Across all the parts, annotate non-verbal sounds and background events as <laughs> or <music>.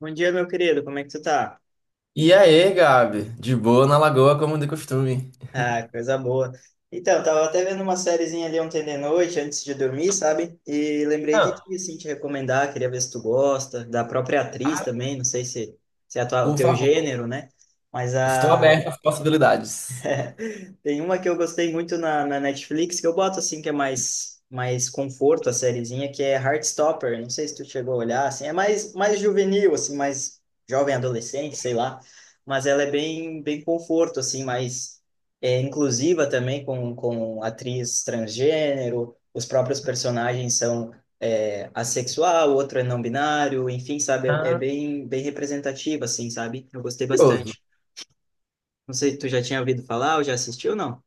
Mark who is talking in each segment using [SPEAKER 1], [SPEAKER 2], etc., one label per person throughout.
[SPEAKER 1] Bom dia, meu querido. Como é que tu tá?
[SPEAKER 2] E aí, Gabi? De boa na lagoa, como de costume.
[SPEAKER 1] Ah, coisa boa. Então, tava até vendo uma sériezinha ali ontem de noite, antes de dormir, sabe? E lembrei de
[SPEAKER 2] Ah,
[SPEAKER 1] ti, assim, te recomendar, queria ver se tu gosta, da própria atriz
[SPEAKER 2] ah,
[SPEAKER 1] também, não sei se, se é a o
[SPEAKER 2] por
[SPEAKER 1] teu
[SPEAKER 2] favor,
[SPEAKER 1] gênero, né? Mas
[SPEAKER 2] estou
[SPEAKER 1] a
[SPEAKER 2] aberto às possibilidades.
[SPEAKER 1] Tem uma que eu gostei muito na Netflix, que eu boto assim, que é mais conforto a sériezinha, que é Heartstopper. Não sei se tu chegou a olhar, assim, é mais juvenil, assim, mais jovem adolescente, sei lá. Mas ela é bem conforto, assim, mais inclusiva também com atriz transgênero. Os próprios personagens são assexual, outro é não binário, enfim, sabe? É
[SPEAKER 2] Ah,
[SPEAKER 1] bem representativa, assim, sabe? Eu gostei
[SPEAKER 2] curioso.
[SPEAKER 1] bastante. Não sei, tu já tinha ouvido falar ou já assistiu, não?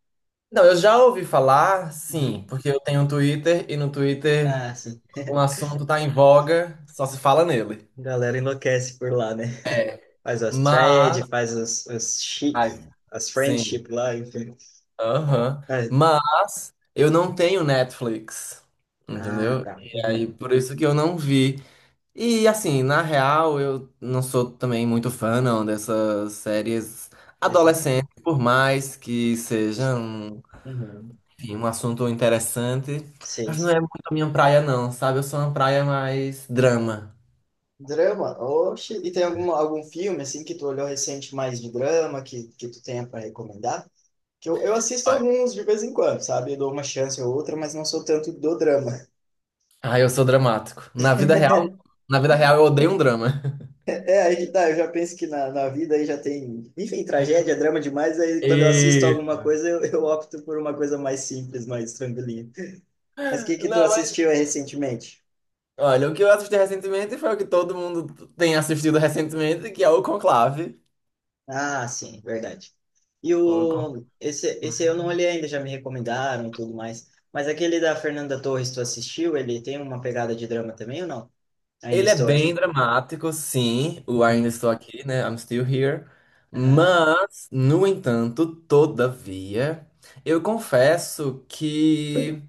[SPEAKER 2] Não, eu já ouvi falar, sim,
[SPEAKER 1] Uhum.
[SPEAKER 2] porque eu tenho um Twitter e no Twitter
[SPEAKER 1] Ah, sim.
[SPEAKER 2] um assunto tá em voga, só se fala nele.
[SPEAKER 1] A galera enlouquece por lá, né? <laughs> Faz as threads,
[SPEAKER 2] Mas,
[SPEAKER 1] faz
[SPEAKER 2] ai,
[SPEAKER 1] as friendship
[SPEAKER 2] sim,
[SPEAKER 1] lá, enfim.
[SPEAKER 2] aham.
[SPEAKER 1] Ah,
[SPEAKER 2] Mas eu não tenho Netflix,
[SPEAKER 1] ah,
[SPEAKER 2] entendeu?
[SPEAKER 1] tá.
[SPEAKER 2] E
[SPEAKER 1] Uhum.
[SPEAKER 2] aí, por isso que eu não vi. E assim, na real, eu não sou também muito fã não dessas séries
[SPEAKER 1] Preciso.
[SPEAKER 2] adolescentes, por mais que seja um,
[SPEAKER 1] Uhum.
[SPEAKER 2] enfim, um assunto interessante,
[SPEAKER 1] Sim,
[SPEAKER 2] mas não
[SPEAKER 1] sim.
[SPEAKER 2] é muito a minha praia não, sabe? Eu sou uma praia mais drama.
[SPEAKER 1] Drama? Oxe, e tem algum filme, assim, que tu olhou recente mais de drama, que tu tenha para recomendar? Que eu assisto alguns de vez em quando, sabe? Eu dou uma chance ou outra, mas não sou tanto do drama.
[SPEAKER 2] Ah, eu sou dramático. Na vida real eu odeio um drama. <laughs>
[SPEAKER 1] É, aí que tá, eu já penso que na vida aí já tem, enfim, tragédia, drama demais, aí quando eu assisto
[SPEAKER 2] E
[SPEAKER 1] alguma coisa eu opto por uma coisa mais simples, mais tranquilinha. Mas o que que tu
[SPEAKER 2] não, mas
[SPEAKER 1] assistiu aí recentemente?
[SPEAKER 2] olha, o que eu assisti recentemente foi o que todo mundo tem assistido recentemente, que é o Conclave.
[SPEAKER 1] Ah, sim, verdade.
[SPEAKER 2] O Conclave.
[SPEAKER 1] Esse eu não olhei ainda, já me recomendaram e tudo mais, mas aquele da Fernanda Torres, tu assistiu? Ele tem uma pegada de drama também ou não? Ainda
[SPEAKER 2] Ele é
[SPEAKER 1] estou
[SPEAKER 2] bem
[SPEAKER 1] aqui?
[SPEAKER 2] dramático, sim, o Ainda
[SPEAKER 1] Uhum.
[SPEAKER 2] Estou Aqui, né? I'm Still Here.
[SPEAKER 1] Aham.
[SPEAKER 2] Mas, no entanto, todavia, eu confesso que.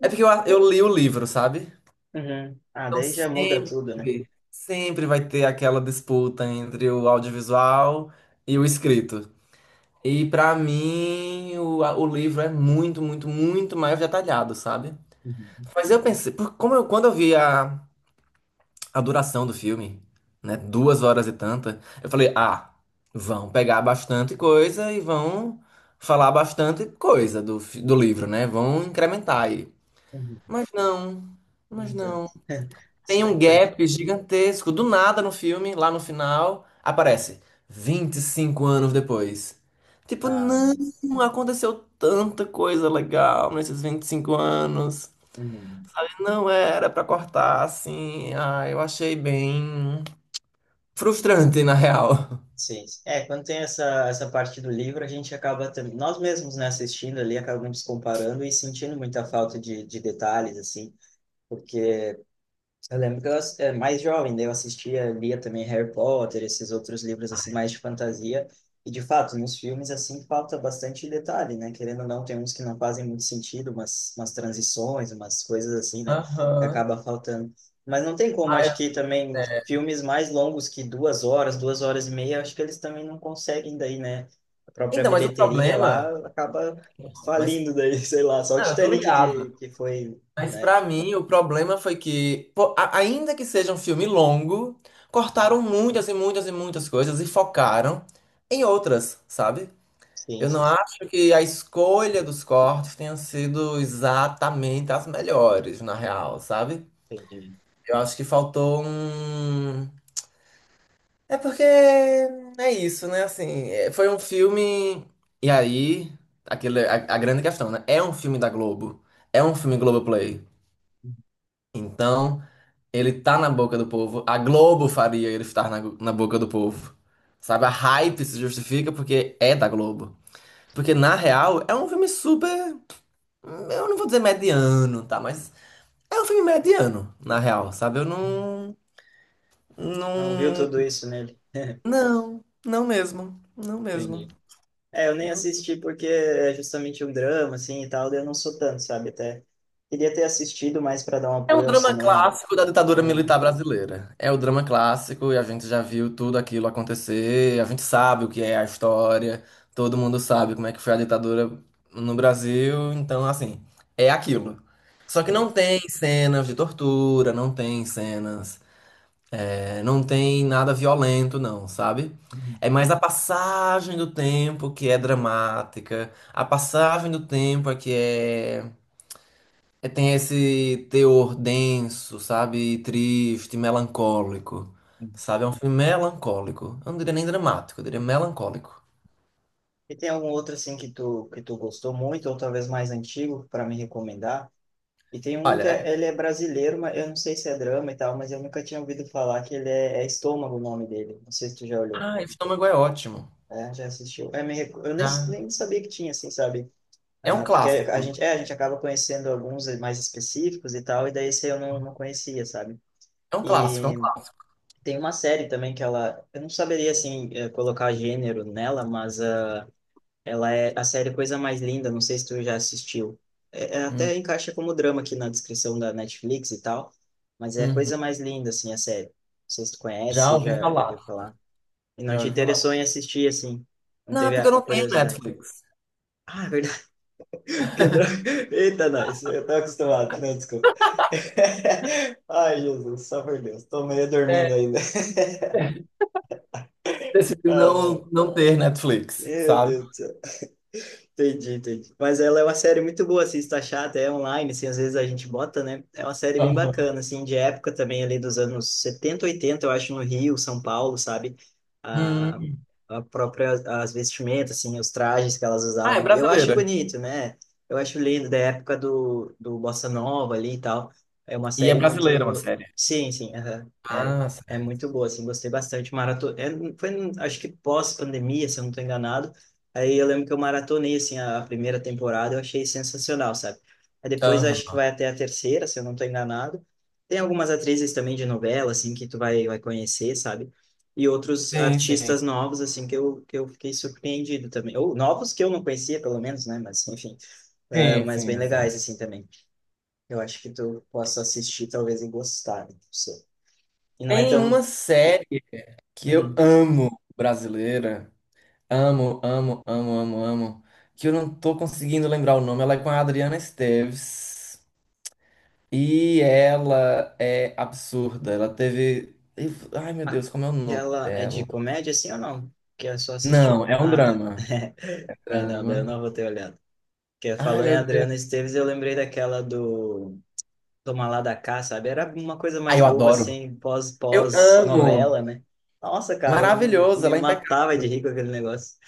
[SPEAKER 2] É porque eu li o livro, sabe?
[SPEAKER 1] Uhum. Ah,
[SPEAKER 2] Então
[SPEAKER 1] daí já muda tudo, né?
[SPEAKER 2] sempre vai ter aquela disputa entre o audiovisual e o escrito. E pra mim, o livro é muito, muito, muito mais detalhado, sabe?
[SPEAKER 1] Uhum.
[SPEAKER 2] Mas eu pensei, como eu, quando eu vi a duração do filme, né? Duas horas e tanta. Eu falei, ah, vão pegar bastante coisa e vão falar bastante coisa do livro, né? Vão incrementar aí.
[SPEAKER 1] Uhum.
[SPEAKER 2] Mas não,
[SPEAKER 1] Não
[SPEAKER 2] mas
[SPEAKER 1] tanto.
[SPEAKER 2] não.
[SPEAKER 1] <laughs>
[SPEAKER 2] Tem um
[SPEAKER 1] Super.
[SPEAKER 2] gap gigantesco. Do nada no filme, lá no final, aparece 25 anos depois. Tipo,
[SPEAKER 1] Ah.
[SPEAKER 2] não, aconteceu tanta coisa legal nesses 25 anos.
[SPEAKER 1] Uhum.
[SPEAKER 2] Não era pra cortar assim. Ah, eu achei bem. Frustrante, na real.
[SPEAKER 1] Sim. É, quando tem essa parte do livro, a gente acaba também, nós mesmos, né, assistindo ali, acabamos comparando e sentindo muita falta de detalhes, assim, porque eu lembro que eu é, mais jovem, daí eu assistia, lia também Harry Potter, esses outros livros assim mais de fantasia. E de fato, nos filmes assim falta bastante detalhe, né? Querendo ou não, tem uns que não fazem muito sentido, umas transições, umas coisas assim, né? Que
[SPEAKER 2] Aham.
[SPEAKER 1] acaba faltando. Mas não tem como,
[SPEAKER 2] Ah,
[SPEAKER 1] acho
[SPEAKER 2] eu-
[SPEAKER 1] que também
[SPEAKER 2] é.
[SPEAKER 1] filmes mais longos que duas horas e meia, acho que eles também não conseguem daí, né? A própria
[SPEAKER 2] Então, mas o
[SPEAKER 1] bilheteria lá
[SPEAKER 2] problema.
[SPEAKER 1] acaba
[SPEAKER 2] Mas,
[SPEAKER 1] falindo daí, <laughs> sei lá, só o
[SPEAKER 2] não, eu tô
[SPEAKER 1] Titanic
[SPEAKER 2] ligado.
[SPEAKER 1] que foi,
[SPEAKER 2] Mas
[SPEAKER 1] né?
[SPEAKER 2] para mim, o problema foi que, pô, ainda que seja um filme longo, cortaram muitas coisas e focaram em outras, sabe?
[SPEAKER 1] Sim,
[SPEAKER 2] Eu não
[SPEAKER 1] sim,
[SPEAKER 2] acho que a escolha dos cortes tenha sido exatamente as melhores, na real, sabe?
[SPEAKER 1] entendi.
[SPEAKER 2] Eu acho que faltou um. É porque é isso, né? Assim, é, foi um filme. E aí, aquele, a grande questão, né? É um filme da Globo. É um filme Globoplay. Então, ele tá na boca do povo. A Globo faria ele estar na boca do povo. Sabe? A hype se justifica porque é da Globo. Porque, na real, é um filme super. Eu não vou dizer mediano, tá? Mas é um filme mediano, na real, sabe? Eu não.
[SPEAKER 1] Não viu
[SPEAKER 2] Não.
[SPEAKER 1] tudo isso nele. <laughs>
[SPEAKER 2] Não, não mesmo. Não mesmo.
[SPEAKER 1] Entendi. É, eu nem assisti porque é justamente um drama, assim, e tal, daí eu não sou tanto, sabe? Até queria ter assistido mais para dar um
[SPEAKER 2] É um
[SPEAKER 1] apoio ao
[SPEAKER 2] drama
[SPEAKER 1] cinema.
[SPEAKER 2] clássico da ditadura
[SPEAKER 1] Ah,
[SPEAKER 2] militar brasileira. É o drama clássico e a gente já viu tudo aquilo acontecer, a gente sabe o que é a história, todo mundo sabe como é que foi a ditadura no Brasil, então assim, é aquilo. Só que
[SPEAKER 1] sim.
[SPEAKER 2] não tem cenas de tortura, não tem cenas, é, não tem nada violento, não, sabe?
[SPEAKER 1] Uhum.
[SPEAKER 2] É mais a passagem do tempo que é dramática, a passagem do tempo é que é é, tem esse teor denso, sabe? Triste, melancólico. Sabe? É um filme melancólico. Eu não diria nem dramático, eu diria melancólico.
[SPEAKER 1] E tem algum outro, assim, que tu gostou muito, ou talvez mais antigo, para me recomendar? E tem um
[SPEAKER 2] Olha,
[SPEAKER 1] que
[SPEAKER 2] é-
[SPEAKER 1] é, ele é brasileiro, mas eu não sei se é drama e tal, mas eu nunca tinha ouvido falar que é Estômago o nome dele. Não sei se tu já olhou.
[SPEAKER 2] ah, Estômago é ótimo.
[SPEAKER 1] É, já assistiu. Eu
[SPEAKER 2] Já.
[SPEAKER 1] nem sabia que tinha, assim, sabe?
[SPEAKER 2] É um
[SPEAKER 1] Ah, porque
[SPEAKER 2] clássico.
[SPEAKER 1] a gente acaba conhecendo alguns mais específicos e tal, e daí esse eu não conhecia, sabe?
[SPEAKER 2] É um clássico, é um
[SPEAKER 1] E
[SPEAKER 2] clássico.
[SPEAKER 1] tem uma série também que ela, eu não saberia assim colocar gênero nela, mas ela é a série Coisa Mais Linda, não sei se tu já assistiu.
[SPEAKER 2] Hum,
[SPEAKER 1] Até encaixa como drama aqui na descrição da Netflix e tal, mas é a
[SPEAKER 2] uhum.
[SPEAKER 1] Coisa Mais Linda assim a série. Não sei se tu
[SPEAKER 2] Já
[SPEAKER 1] conhece,
[SPEAKER 2] ouvi
[SPEAKER 1] já
[SPEAKER 2] falar.
[SPEAKER 1] viu falar. E não
[SPEAKER 2] Já
[SPEAKER 1] te
[SPEAKER 2] ouvi falar.
[SPEAKER 1] interessou em assistir assim, não
[SPEAKER 2] Não, é
[SPEAKER 1] teve
[SPEAKER 2] porque eu
[SPEAKER 1] a
[SPEAKER 2] não tenho
[SPEAKER 1] curiosidade.
[SPEAKER 2] Netflix.
[SPEAKER 1] Ah, é verdade. Quebrou. <laughs> Eita, nós. Eu tava acostumado, né? Desculpa. <laughs> Ai, Jesus, só por Deus. Tô meio
[SPEAKER 2] É,
[SPEAKER 1] dormindo ainda. <laughs>
[SPEAKER 2] decidi
[SPEAKER 1] Ai, ai.
[SPEAKER 2] não ter Netflix,
[SPEAKER 1] Meu
[SPEAKER 2] sabe?
[SPEAKER 1] Deus do céu. Entendi, entendi. Mas ela é uma série muito boa, assim, está chata, é online, assim, às vezes a gente bota, né? É uma série bem
[SPEAKER 2] Aham.
[SPEAKER 1] bacana, assim, de época também, ali dos anos 70, 80, eu acho, no Rio, São Paulo, sabe? A,
[SPEAKER 2] Hum.
[SPEAKER 1] a própria, as vestimentas, assim, os trajes que elas
[SPEAKER 2] Ah, é
[SPEAKER 1] usavam. Eu acho
[SPEAKER 2] brasileira.
[SPEAKER 1] bonito, né? Eu acho lindo, da época do Bossa Nova ali e tal. É uma
[SPEAKER 2] E é
[SPEAKER 1] série
[SPEAKER 2] brasileira uma
[SPEAKER 1] muito...
[SPEAKER 2] série.
[SPEAKER 1] Sim, sim, aham. É,
[SPEAKER 2] Ah,
[SPEAKER 1] é
[SPEAKER 2] certo.
[SPEAKER 1] muito boa, assim, gostei bastante. Maratona... É, foi, acho que pós-pandemia, se eu não estou enganado. Aí eu lembro que eu maratonei, assim, a primeira temporada, eu achei sensacional, sabe? Aí depois eu acho que
[SPEAKER 2] Aham.
[SPEAKER 1] vai até a terceira, se eu não tô enganado. Tem algumas atrizes também de novela, assim, que vai conhecer, sabe? E outros
[SPEAKER 2] Sim, sim.
[SPEAKER 1] artistas novos, assim, que que eu fiquei surpreendido também. Ou novos que eu não conhecia, pelo menos, né? Mas, enfim,
[SPEAKER 2] Sim,
[SPEAKER 1] mas bem
[SPEAKER 2] sim, sim.
[SPEAKER 1] legais, assim, também. Eu acho que tu possa assistir, talvez, e gostar, né? Não sei. E não é
[SPEAKER 2] Tem uma
[SPEAKER 1] tão...
[SPEAKER 2] série que eu
[SPEAKER 1] Uhum.
[SPEAKER 2] amo, brasileira. Amo, amo, amo, amo, amo. Que eu não tô conseguindo lembrar o nome. Ela é com a Adriana Esteves. E ela é absurda. Ela teve. Ai, meu Deus, como é o nome
[SPEAKER 1] Aquela é de
[SPEAKER 2] dela?
[SPEAKER 1] comédia, assim, ou não? Que é só assistir.
[SPEAKER 2] Não, é um
[SPEAKER 1] Ah, tá.
[SPEAKER 2] drama.
[SPEAKER 1] <laughs> Ah, não, daí eu
[SPEAKER 2] Drama.
[SPEAKER 1] não vou ter olhado. Porque
[SPEAKER 2] Ai,
[SPEAKER 1] falou em
[SPEAKER 2] meu
[SPEAKER 1] Adriana
[SPEAKER 2] Deus.
[SPEAKER 1] Esteves, eu lembrei daquela do Toma lá da cá, sabe? Era uma coisa
[SPEAKER 2] Ai,
[SPEAKER 1] mais
[SPEAKER 2] eu
[SPEAKER 1] boba,
[SPEAKER 2] adoro.
[SPEAKER 1] assim,
[SPEAKER 2] Eu
[SPEAKER 1] pós-novela,
[SPEAKER 2] amo.
[SPEAKER 1] né? Nossa, cara, eu
[SPEAKER 2] Maravilhoso,
[SPEAKER 1] me
[SPEAKER 2] ela é
[SPEAKER 1] matava de
[SPEAKER 2] impecável.
[SPEAKER 1] rir com aquele negócio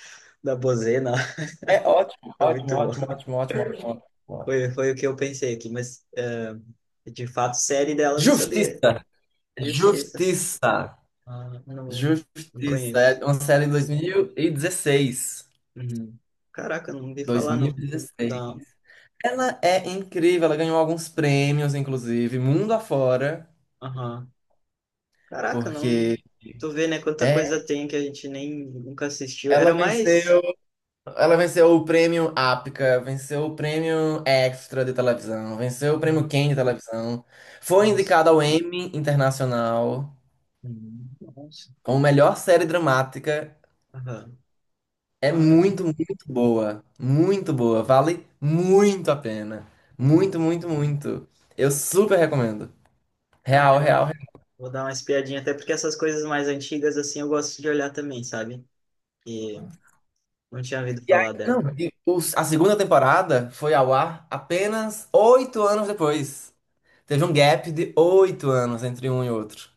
[SPEAKER 1] da bozena. <laughs>
[SPEAKER 2] É ótimo,
[SPEAKER 1] Foi
[SPEAKER 2] ótimo,
[SPEAKER 1] muito bom.
[SPEAKER 2] ótimo, ótimo, ótimo, ótimo. Ótimo.
[SPEAKER 1] Foi o que eu pensei aqui, mas de fato, série dela eu nem sabia.
[SPEAKER 2] Justiça.
[SPEAKER 1] Justiça.
[SPEAKER 2] Justiça.
[SPEAKER 1] Ah, não, não
[SPEAKER 2] Justiça,
[SPEAKER 1] conheço.
[SPEAKER 2] é uma série de dois mil e dezesseis,
[SPEAKER 1] Uhum. Caraca, não ouvi
[SPEAKER 2] dois
[SPEAKER 1] falar,
[SPEAKER 2] mil e
[SPEAKER 1] não. Vou
[SPEAKER 2] dezesseis.
[SPEAKER 1] dar.
[SPEAKER 2] Ela é incrível, ela ganhou alguns prêmios, inclusive, mundo afora,
[SPEAKER 1] Aham. Caraca, não.
[SPEAKER 2] porque
[SPEAKER 1] Tu vê, né? Quanta coisa
[SPEAKER 2] é,
[SPEAKER 1] tem que a gente nem nunca assistiu. Era
[SPEAKER 2] ela
[SPEAKER 1] mais.
[SPEAKER 2] venceu, ela venceu o prêmio APCA, venceu o prêmio Extra de televisão, venceu o prêmio
[SPEAKER 1] Uhum.
[SPEAKER 2] Ken de televisão, foi
[SPEAKER 1] Nossa.
[SPEAKER 2] indicada ao Emmy Internacional
[SPEAKER 1] Uhum. Nossa.
[SPEAKER 2] como melhor série dramática.
[SPEAKER 1] Aham.
[SPEAKER 2] É
[SPEAKER 1] Ah, legal.
[SPEAKER 2] muito, muito boa. Muito boa. Vale muito a pena.
[SPEAKER 1] Uhum.
[SPEAKER 2] Muito, muito, muito. Eu super recomendo.
[SPEAKER 1] Ah,
[SPEAKER 2] Real,
[SPEAKER 1] legal.
[SPEAKER 2] real, real.
[SPEAKER 1] Vou dar uma espiadinha, até porque essas coisas mais antigas, assim, eu gosto de olhar também, sabe? E não tinha ouvido
[SPEAKER 2] E aí,
[SPEAKER 1] falar
[SPEAKER 2] não,
[SPEAKER 1] dela.
[SPEAKER 2] e a segunda temporada foi ao ar apenas 8 anos depois. Teve um gap de 8 anos entre um e outro.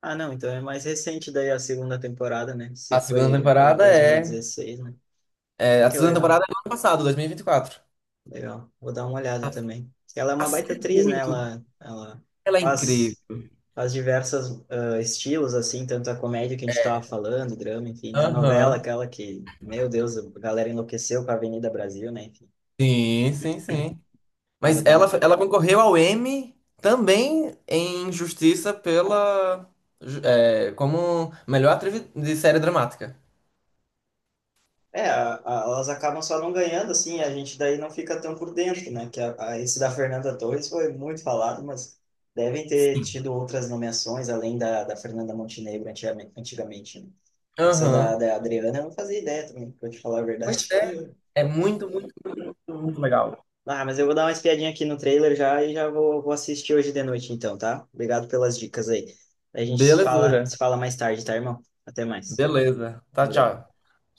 [SPEAKER 1] Ah, não, então é mais recente daí a segunda temporada, né? Se
[SPEAKER 2] A segunda
[SPEAKER 1] foi
[SPEAKER 2] temporada é,
[SPEAKER 1] 2016, né? Ah,
[SPEAKER 2] a
[SPEAKER 1] que
[SPEAKER 2] segunda
[SPEAKER 1] legal,
[SPEAKER 2] temporada é do ano passado, 2024.
[SPEAKER 1] legal. Vou dar uma olhada também. Ela é
[SPEAKER 2] A
[SPEAKER 1] uma baita
[SPEAKER 2] série é
[SPEAKER 1] atriz, né?
[SPEAKER 2] muito.
[SPEAKER 1] Ela
[SPEAKER 2] Ela é
[SPEAKER 1] faz
[SPEAKER 2] incrível.
[SPEAKER 1] as diversas estilos, assim, tanto a comédia que a gente estava falando, drama, enfim, né? A novela,
[SPEAKER 2] Aham.
[SPEAKER 1] aquela que, meu Deus, a galera enlouqueceu com a Avenida Brasil, né? Enfim,
[SPEAKER 2] Sim, sim, sim.
[SPEAKER 1] ah, vou
[SPEAKER 2] Mas
[SPEAKER 1] dar...
[SPEAKER 2] ela concorreu ao Emmy também em Justiça pela. É, como melhor atriz de série dramática.
[SPEAKER 1] É, elas acabam só não ganhando, assim, a gente daí não fica tão por dentro, né? Que esse da Fernanda Torres foi muito falado, mas devem ter
[SPEAKER 2] Sim.
[SPEAKER 1] tido outras nomeações além da Fernanda Montenegro antigamente, antigamente, né? Essa
[SPEAKER 2] Aham.
[SPEAKER 1] da Adriana eu não fazia ideia também, pra te falar a
[SPEAKER 2] Pois
[SPEAKER 1] verdade.
[SPEAKER 2] é,
[SPEAKER 1] <laughs>
[SPEAKER 2] é muito, muito, muito legal.
[SPEAKER 1] Ah, mas eu vou dar uma espiadinha aqui no trailer já e já vou assistir hoje de noite então, tá? Obrigado pelas dicas aí. A gente
[SPEAKER 2] Belezura.
[SPEAKER 1] se fala mais tarde, tá, irmão? Até mais.
[SPEAKER 2] Beleza. Tá,
[SPEAKER 1] Valeu.
[SPEAKER 2] tchau.